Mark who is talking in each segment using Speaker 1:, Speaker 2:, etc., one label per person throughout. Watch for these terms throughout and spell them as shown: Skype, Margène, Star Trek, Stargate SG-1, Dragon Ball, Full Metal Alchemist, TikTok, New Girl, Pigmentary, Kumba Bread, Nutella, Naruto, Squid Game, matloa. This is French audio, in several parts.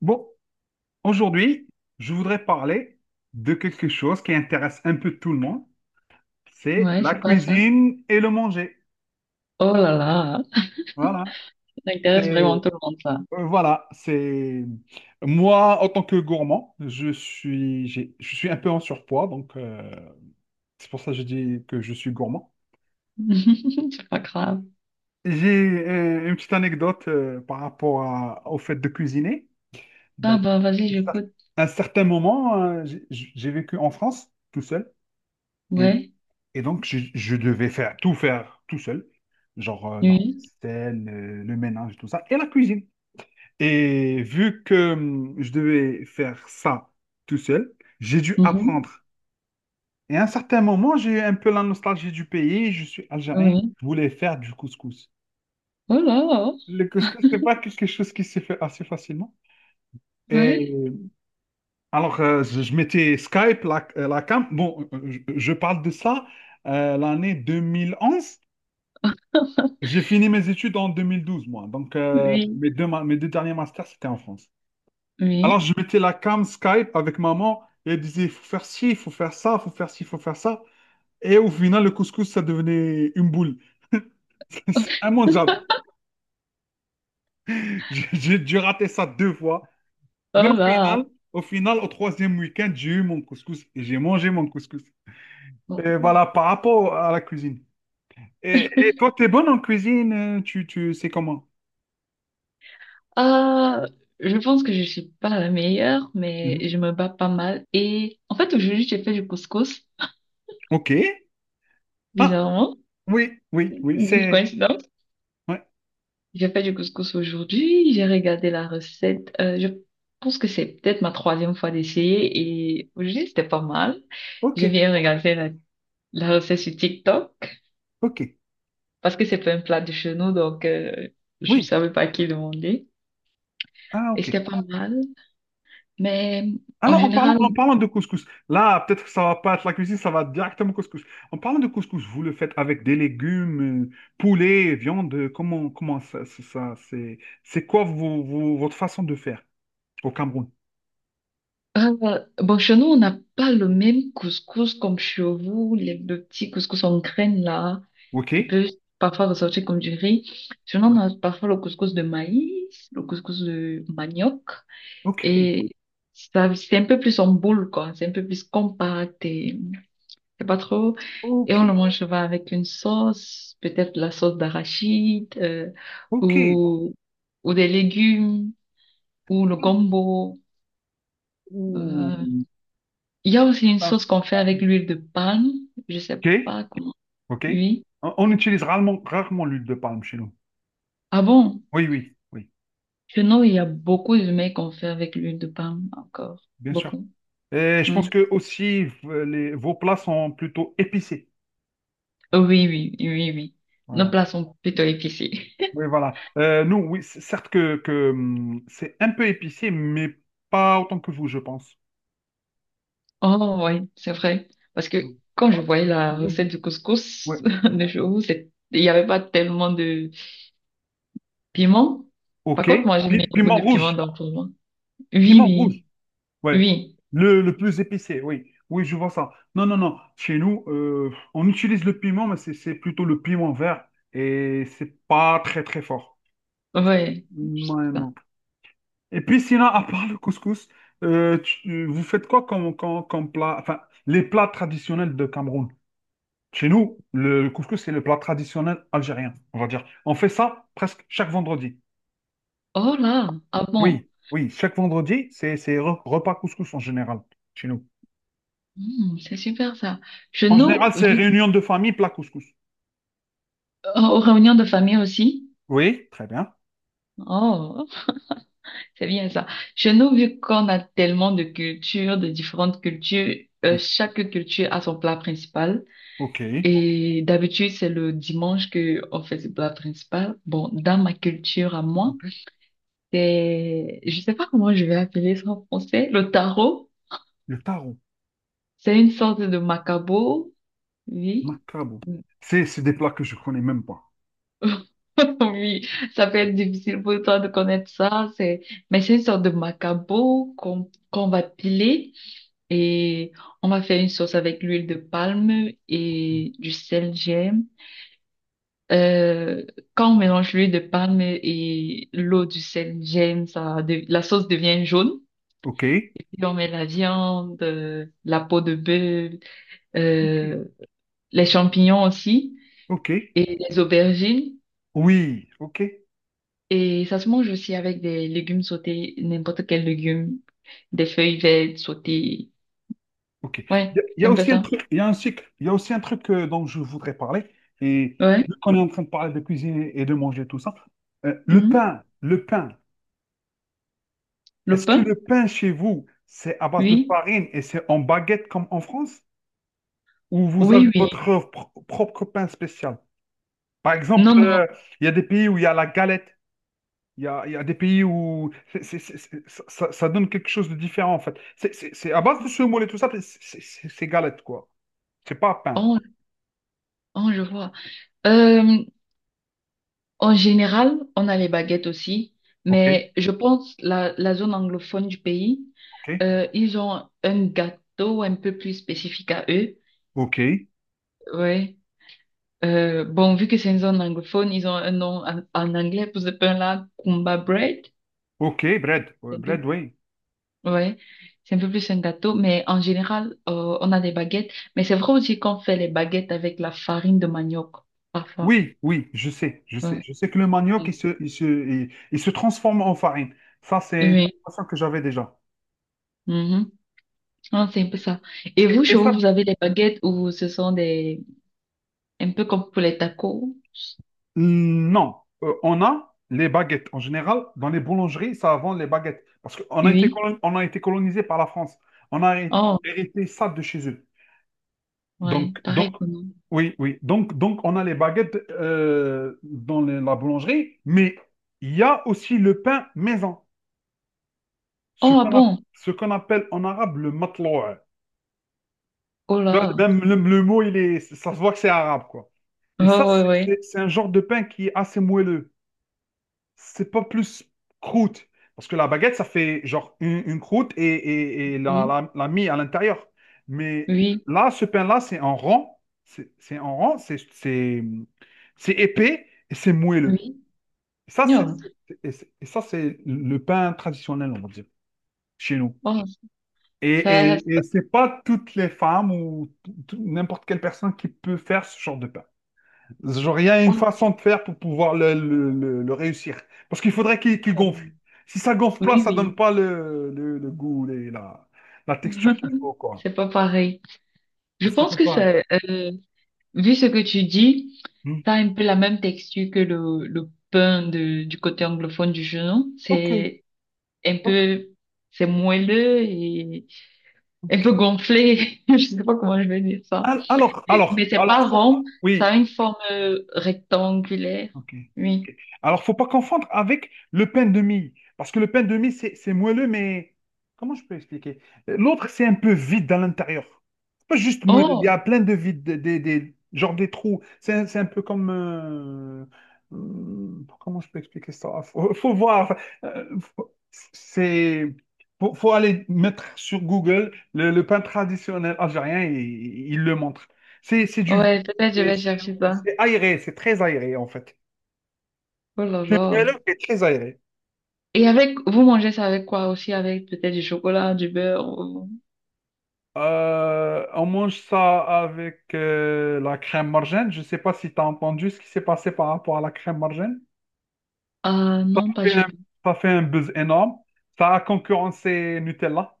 Speaker 1: Bon, aujourd'hui, je voudrais parler de quelque chose qui intéresse un peu tout le monde, c'est
Speaker 2: Ouais,
Speaker 1: la
Speaker 2: c'est quoi ça?
Speaker 1: cuisine et le manger.
Speaker 2: Oh là là,
Speaker 1: Voilà,
Speaker 2: ça intéresse
Speaker 1: c'est
Speaker 2: vraiment tout le monde, ça.
Speaker 1: voilà, c'est moi en tant que gourmand, je suis un peu en surpoids, donc c'est pour ça que je dis que je suis gourmand.
Speaker 2: C'est pas grave.
Speaker 1: J'ai une petite anecdote au fait de cuisiner.
Speaker 2: Ah
Speaker 1: Ben,
Speaker 2: bah, vas-y, j'écoute.
Speaker 1: à un certain moment, j'ai vécu en France tout seul. Et.
Speaker 2: Ouais,
Speaker 1: Et donc, je devais faire tout seul, genre la
Speaker 2: oui,
Speaker 1: scène, le ménage, tout ça, et la cuisine. Et vu que je devais faire ça tout seul, j'ai dû
Speaker 2: mhm,
Speaker 1: apprendre. Et à un certain moment, j'ai eu un peu la nostalgie du pays. Je suis algérien,
Speaker 2: oui.
Speaker 1: je voulais faire du couscous.
Speaker 2: Oh là,
Speaker 1: Le couscous, c'est pas quelque chose qui se fait assez facilement. Et
Speaker 2: ouais,
Speaker 1: alors, je mettais Skype, la cam. Bon, je parle de ça l'année 2011. J'ai fini mes études en 2012, moi. Donc,
Speaker 2: oui,
Speaker 1: mes deux derniers masters, c'était en France. Alors,
Speaker 2: oui.
Speaker 1: je mettais la cam Skype avec maman et elle disait, faut faire ci, faut faire ça, faut faire ci, faut faire ça. Et au final, le couscous, ça devenait une boule. C'est immangeable. J'ai dû rater ça deux fois. Mais
Speaker 2: Oh
Speaker 1: au
Speaker 2: là.
Speaker 1: final, au final, au troisième week-end, j'ai eu mon couscous et j'ai mangé mon couscous. Et voilà, par rapport à la cuisine. Et toi, t'es bonne en cuisine, tu sais comment?
Speaker 2: Ah, je pense que je suis pas la meilleure,
Speaker 1: Mhm.
Speaker 2: mais je me bats pas mal. Et en fait, aujourd'hui, j'ai fait du couscous,
Speaker 1: Ok. Ah,
Speaker 2: bizarrement.
Speaker 1: oui, oui, oui,
Speaker 2: Une belle
Speaker 1: c'est...
Speaker 2: coïncidence.
Speaker 1: Ouais.
Speaker 2: J'ai fait du couscous aujourd'hui, j'ai regardé la recette. Je pense que c'est peut-être ma troisième fois d'essayer et aujourd'hui c'était pas mal.
Speaker 1: Ok,
Speaker 2: J'ai bien
Speaker 1: très bien.
Speaker 2: regardé la recette sur TikTok
Speaker 1: Ok,
Speaker 2: parce que c'est pas un plat de chez nous donc je
Speaker 1: oui.
Speaker 2: savais pas à qui demander
Speaker 1: Ah,
Speaker 2: et
Speaker 1: ok.
Speaker 2: c'était pas mal. Mais en
Speaker 1: Alors,
Speaker 2: général.
Speaker 1: en parlant de couscous, là, peut-être que ça va pas être la cuisine, ça va directement au couscous. En parlant de couscous, vous le faites avec des légumes, poulet, viande, comment c'est quoi votre façon de faire au Cameroun?
Speaker 2: Bon, chez nous, on n'a pas le même couscous comme chez vous, le petit couscous en graines là,
Speaker 1: Ok?
Speaker 2: qui peut parfois ressortir comme du riz. Chez nous, on
Speaker 1: Ouais.
Speaker 2: a parfois le couscous de maïs, le couscous de manioc,
Speaker 1: Ok,
Speaker 2: et ça, c'est un peu plus en boule, quoi. C'est un peu plus compact et c'est pas trop. Et
Speaker 1: ok,
Speaker 2: on le mange souvent avec une sauce, peut-être la sauce d'arachide,
Speaker 1: ok.
Speaker 2: ou, ou des légumes, ou le gombo.
Speaker 1: Ouh.
Speaker 2: euh, Il y a aussi une
Speaker 1: Ah,
Speaker 2: sauce qu'on fait avec l'huile de palme. Je sais
Speaker 1: ok,
Speaker 2: pas comment.
Speaker 1: ok.
Speaker 2: Oui.
Speaker 1: On, rarement l'huile de palme chez nous.
Speaker 2: Ah bon?
Speaker 1: Oui, oui, oui,
Speaker 2: Sinon, il y a beaucoup de mets qu'on fait avec l'huile de palme encore.
Speaker 1: bien sûr.
Speaker 2: Beaucoup.
Speaker 1: Et je pense
Speaker 2: Oui.
Speaker 1: que aussi les, vos plats sont plutôt épicés.
Speaker 2: Oui, oui, oui, oui. Nos
Speaker 1: Voilà.
Speaker 2: plats sont plutôt épicés.
Speaker 1: Oui, voilà. Nous, oui, certes que c'est un peu épicé, mais pas autant que vous, je pense.
Speaker 2: Oh oui, c'est vrai. Parce que
Speaker 1: Mm.
Speaker 2: quand je
Speaker 1: Bah,
Speaker 2: voyais la
Speaker 1: oui,
Speaker 2: recette
Speaker 1: oui.
Speaker 2: du couscous
Speaker 1: Ouais.
Speaker 2: de chez vous, c'est- il n'y avait pas tellement de piment. Par
Speaker 1: Ok.
Speaker 2: contre, moi, j'ai mis beaucoup
Speaker 1: Piment
Speaker 2: de piment
Speaker 1: rouge.
Speaker 2: dans tout le monde. Oui,
Speaker 1: Piment
Speaker 2: oui,
Speaker 1: rouge. Ouais.
Speaker 2: oui.
Speaker 1: Le plus épicé, oui. Oui, je vois ça. Non, non, non. Chez nous, on utilise le piment, mais c'est plutôt le piment vert et c'est pas très, très fort.
Speaker 2: Ouais. C'est
Speaker 1: Non,
Speaker 2: ça.
Speaker 1: non. Et puis sinon, à part le couscous, vous faites quoi comme, comme plat? Enfin, les plats traditionnels de Cameroun. Chez nous, le couscous, c'est le plat traditionnel algérien, on va dire. On fait ça presque chaque vendredi.
Speaker 2: Oh là, ah bon.
Speaker 1: Oui, oui, chaque vendredi, c'est repas couscous en général, chez nous.
Speaker 2: Hmm, c'est super ça. Chez
Speaker 1: En
Speaker 2: nous,
Speaker 1: général, c'est
Speaker 2: vu,
Speaker 1: réunion de famille, plat couscous.
Speaker 2: aux réunions de famille aussi.
Speaker 1: Oui, très bien.
Speaker 2: Oh, c'est bien ça. Chez nous, vu qu'on a tellement de cultures, de différentes cultures,
Speaker 1: Oui,
Speaker 2: chaque culture a son plat principal.
Speaker 1: ok.
Speaker 2: Et d'habitude, c'est le dimanche que on fait ce plat principal. Bon, dans ma culture à moi,
Speaker 1: Ok.
Speaker 2: c'est, je sais pas comment je vais appeler ça en français, le taro.
Speaker 1: Le taro,
Speaker 2: C'est une sorte de macabo, oui.
Speaker 1: macabo. C'est des plats que je connais même pas.
Speaker 2: Oui, ça peut être difficile pour toi de connaître ça, c'est, mais c'est une sorte de macabo qu'on va piler et on va faire une sauce avec l'huile de palme et du sel gemme. Euh, Quand on mélange l'huile de palme et l'eau du sel gemme, ça, de- la sauce devient jaune.
Speaker 1: Ok,
Speaker 2: Et puis on met la viande, la peau de bœuf,
Speaker 1: ok,
Speaker 2: euh, les champignons aussi
Speaker 1: ok.
Speaker 2: et les aubergines.
Speaker 1: Oui, ok.
Speaker 2: Et ça se mange aussi avec des légumes sautés, n'importe quel légume, des feuilles vertes sautées.
Speaker 1: Ok.
Speaker 2: Ouais,
Speaker 1: Il y
Speaker 2: c'est
Speaker 1: a
Speaker 2: un peu
Speaker 1: aussi un
Speaker 2: ça.
Speaker 1: truc, il y a aussi un truc dont je voudrais parler. Et
Speaker 2: Ouais.
Speaker 1: vu qu'on est en train de parler de cuisine et de manger tout ça,
Speaker 2: Mhm.
Speaker 1: le pain.
Speaker 2: Le
Speaker 1: Est-ce que
Speaker 2: pain?
Speaker 1: le pain chez vous, c'est à base de
Speaker 2: Oui.
Speaker 1: farine et c'est en baguette comme en France? Ou vous avez
Speaker 2: Oui, oui.
Speaker 1: votre propre pain spécial? Par exemple,
Speaker 2: Non, non.
Speaker 1: il y a des pays où il y a la galette. Il y a des pays où ça donne quelque chose de différent en fait. C'est à base de semoule et tout ça, c'est galette quoi. C'est pas pain.
Speaker 2: Oh, oh, je vois. Euh, En général, on a les baguettes aussi,
Speaker 1: Ok,
Speaker 2: mais je pense la zone anglophone du pays,
Speaker 1: ok.
Speaker 2: ils ont un gâteau un peu plus spécifique à eux.
Speaker 1: OK.
Speaker 2: Ouais. Bon, vu que c'est une zone anglophone, ils ont un nom en, en anglais pour ce pain-là, Kumba Bread.
Speaker 1: OK, bread. Bread, oui.
Speaker 2: Ouais, c'est un peu plus un gâteau, mais en général, on a des baguettes. Mais c'est vrai aussi qu'on fait les baguettes avec la farine de manioc, parfois.
Speaker 1: Oui, oui, je sais, je sais.
Speaker 2: Ouais.
Speaker 1: Je sais que le manioc,
Speaker 2: Mm.
Speaker 1: il se transforme en farine. Ça, c'est une
Speaker 2: Oui.
Speaker 1: information que j'avais déjà.
Speaker 2: Mhm. Non, c'est un peu ça. Et vous,
Speaker 1: Et
Speaker 2: chez
Speaker 1: ça,
Speaker 2: vous, vous avez des baguettes ou ce sont des... un peu comme pour les tacos?
Speaker 1: hmm, non. On a les baguettes. En général, dans les boulangeries, ça vend les baguettes. Parce qu'on a été,
Speaker 2: Oui.
Speaker 1: on a été colonisé par la France. On a
Speaker 2: Oh,
Speaker 1: hérité ça de chez eux.
Speaker 2: ouais,
Speaker 1: Donc
Speaker 2: pareil que nous.
Speaker 1: oui, oui. Donc, on a les baguettes la boulangerie, mais il y a aussi le pain maison. Ce
Speaker 2: Oh, ah
Speaker 1: qu'on
Speaker 2: bon?
Speaker 1: ce qu'on appelle en arabe le matloa.
Speaker 2: Oh
Speaker 1: Tu vois,
Speaker 2: là.
Speaker 1: même le mot, ça se voit que c'est arabe, quoi.
Speaker 2: Oh,
Speaker 1: Et ça,
Speaker 2: ouais, ouais.
Speaker 1: c'est un genre de pain qui est assez moelleux. C'est pas plus croûte. Parce que la baguette, ça fait genre une croûte et, et
Speaker 2: Oui,
Speaker 1: la mie à l'intérieur. Mais
Speaker 2: oui,
Speaker 1: là, ce pain-là, c'est en rond. C'est en rond, c'est épais et c'est moelleux.
Speaker 2: oui.
Speaker 1: Et ça,
Speaker 2: Non.
Speaker 1: ça, c'est le pain traditionnel, on va dire, chez nous.
Speaker 2: Oh,
Speaker 1: Et,
Speaker 2: ça...
Speaker 1: et
Speaker 2: ça-
Speaker 1: c'est pas toutes les femmes ou n'importe quelle personne qui peut faire ce genre de pain. Genre, il y a une
Speaker 2: oh,
Speaker 1: façon de faire pour pouvoir le réussir. Parce qu'il faudrait qu'il
Speaker 2: oh.
Speaker 1: gonfle. Si ça gonfle
Speaker 2: Oui,
Speaker 1: pas, ça donne
Speaker 2: oui.
Speaker 1: pas le goût, la, la texture qu'il faut, quoi.
Speaker 2: C'est pas pareil. Je
Speaker 1: C'est
Speaker 2: pense
Speaker 1: pas
Speaker 2: que
Speaker 1: pareil.
Speaker 2: ça, vu ce que tu dis,
Speaker 1: Hmm.
Speaker 2: ça a un peu la même texture que le pain de, du côté anglophone du genou.
Speaker 1: Ok,
Speaker 2: C'est un
Speaker 1: ok,
Speaker 2: peu, c'est moelleux et un peu
Speaker 1: ok.
Speaker 2: gonflé. Je sais pas comment je vais dire ça. Et- Mais c'est
Speaker 1: Alors,
Speaker 2: pas
Speaker 1: faut-
Speaker 2: rond, ça
Speaker 1: oui,
Speaker 2: a une forme rectangulaire.
Speaker 1: ok.
Speaker 2: Oui.
Speaker 1: Ok. Alors, faut pas confondre avec le pain de mie, parce que le pain de mie, c'est moelleux, mais comment je peux expliquer? L'autre, c'est un peu vide dans l'intérieur. C'est pas juste moelleux, il y
Speaker 2: Oh,
Speaker 1: a plein de vides, genre des trous. C'est un peu comme... comment je peux expliquer ça? Faut, faut voir. C'est... Faut, faut aller mettre sur Google le pain traditionnel algérien et il le montre. C'est du vide.
Speaker 2: ouais, peut-être je
Speaker 1: Et
Speaker 2: vais
Speaker 1: C'est
Speaker 2: chercher ça.
Speaker 1: c'est aéré, c'est très aéré en fait.
Speaker 2: Oh là
Speaker 1: Ouais,
Speaker 2: là.
Speaker 1: le est très aéré.
Speaker 2: Et avec, vous mangez ça avec quoi aussi? Avec peut-être du chocolat, du beurre? Ou-
Speaker 1: On mange ça avec la crème margène. Je ne sais pas si tu as entendu ce qui s'est passé par rapport à la crème margène.
Speaker 2: Ah
Speaker 1: Ça
Speaker 2: non, pas
Speaker 1: fait un,
Speaker 2: du tout.
Speaker 1: ça fait un buzz énorme. Ça a concurrencé Nutella,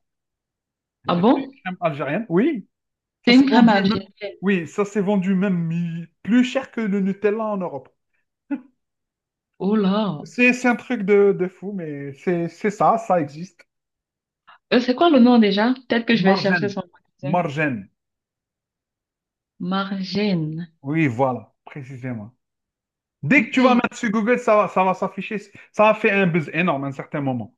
Speaker 2: Ah bon?
Speaker 1: crème algérienne. Oui, ça
Speaker 2: C'est
Speaker 1: s'est
Speaker 2: une crème
Speaker 1: vendu
Speaker 2: à
Speaker 1: même,
Speaker 2: gel.
Speaker 1: oui, ça s'est vendu même plus cher que le Nutella en Europe.
Speaker 2: Oh là.
Speaker 1: C'est un truc de fou, mais c'est ça, ça existe.
Speaker 2: C'est quoi le nom déjà? Peut-être que je vais chercher
Speaker 1: Margène.
Speaker 2: son magasin.
Speaker 1: Margène.
Speaker 2: Margène.
Speaker 1: Oui, voilà, précisément. Dès que
Speaker 2: Ok.
Speaker 1: tu vas mettre sur Google, ça va s'afficher. Ça a fait un buzz énorme à un certain moment.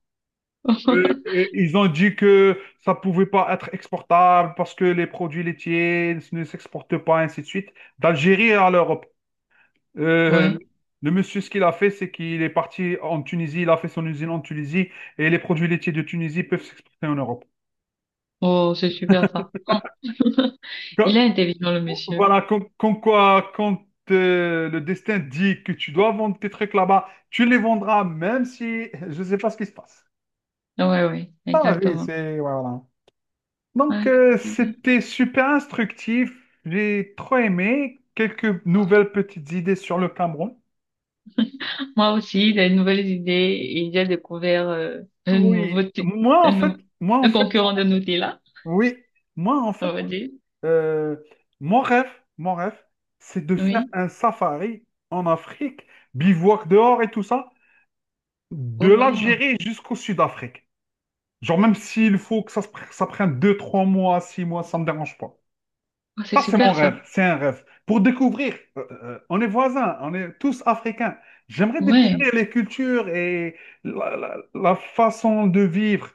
Speaker 1: Ils ont dit que ça pouvait pas être exportable parce que les produits laitiers ne s'exportent pas, ainsi de suite, d'Algérie à l'Europe. Euh,
Speaker 2: Ouais.
Speaker 1: le monsieur, ce qu'il a fait, c'est qu'il est parti en Tunisie, il a fait son usine en Tunisie et les produits laitiers de Tunisie peuvent s'exporter en Europe.
Speaker 2: Oh, c'est super ça. Oh. Il
Speaker 1: Que-
Speaker 2: est intelligent, le monsieur.
Speaker 1: voilà, comme, comme quoi, quand le destin dit que tu dois vendre tes trucs là-bas, tu les vendras, même si je ne sais pas ce qui se passe.
Speaker 2: Ouais, ouais,
Speaker 1: Ah oui,
Speaker 2: exactement.
Speaker 1: c'est... ouais, voilà. Donc,
Speaker 2: Ouais, c'est bon.
Speaker 1: c'était super instructif. J'ai trop aimé. Quelques nouvelles petites idées sur le Cameroun.
Speaker 2: Moi aussi, des nouvelles idées et j'ai découvert un
Speaker 1: Oui,
Speaker 2: nouveau, ti-
Speaker 1: moi en
Speaker 2: un
Speaker 1: fait,
Speaker 2: nou-
Speaker 1: moi en
Speaker 2: un
Speaker 1: fait,
Speaker 2: concurrent de Nutella,
Speaker 1: oui, moi en
Speaker 2: on
Speaker 1: fait,
Speaker 2: va dire.
Speaker 1: euh, mon rêve, mon rêve, c'est de faire
Speaker 2: Oui.
Speaker 1: un safari en Afrique, bivouac dehors et tout ça, de
Speaker 2: Oh là.
Speaker 1: l'Algérie jusqu'au Sud-Afrique. Genre même s'il faut que ça, se pr- ça prenne 2 3 mois, 6 mois, ça me dérange pas.
Speaker 2: Ah, c'est
Speaker 1: Ça, c'est mon
Speaker 2: super ça.
Speaker 1: rêve. C'est un rêve. Pour découvrir, on est voisins, on est tous africains. J'aimerais
Speaker 2: Ouais.
Speaker 1: découvrir les cultures et la façon de vivre.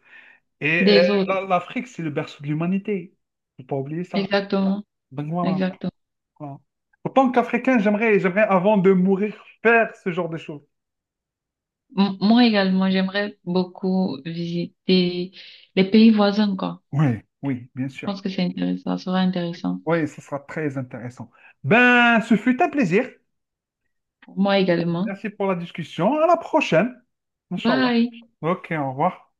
Speaker 1: Et
Speaker 2: Des autres.
Speaker 1: l'Afrique, c'est le berceau de l'humanité. Faut pas oublier ça.
Speaker 2: Exactement.
Speaker 1: Donc voilà.
Speaker 2: Exactement.
Speaker 1: Voilà. En tant qu'Africain, j'aimerais, avant de mourir, faire ce genre de choses.
Speaker 2: M- Moi également, j'aimerais beaucoup visiter les pays voisins, quoi.
Speaker 1: Oui, oui, bien
Speaker 2: Je
Speaker 1: sûr.
Speaker 2: pense que c'est intéressant, ça sera intéressant.
Speaker 1: Oui, ce sera très intéressant. Ben, ce fut un plaisir.
Speaker 2: Pour moi également.
Speaker 1: Merci pour la discussion. À la prochaine. Inch'Allah.
Speaker 2: Bye!
Speaker 1: Ok, au revoir.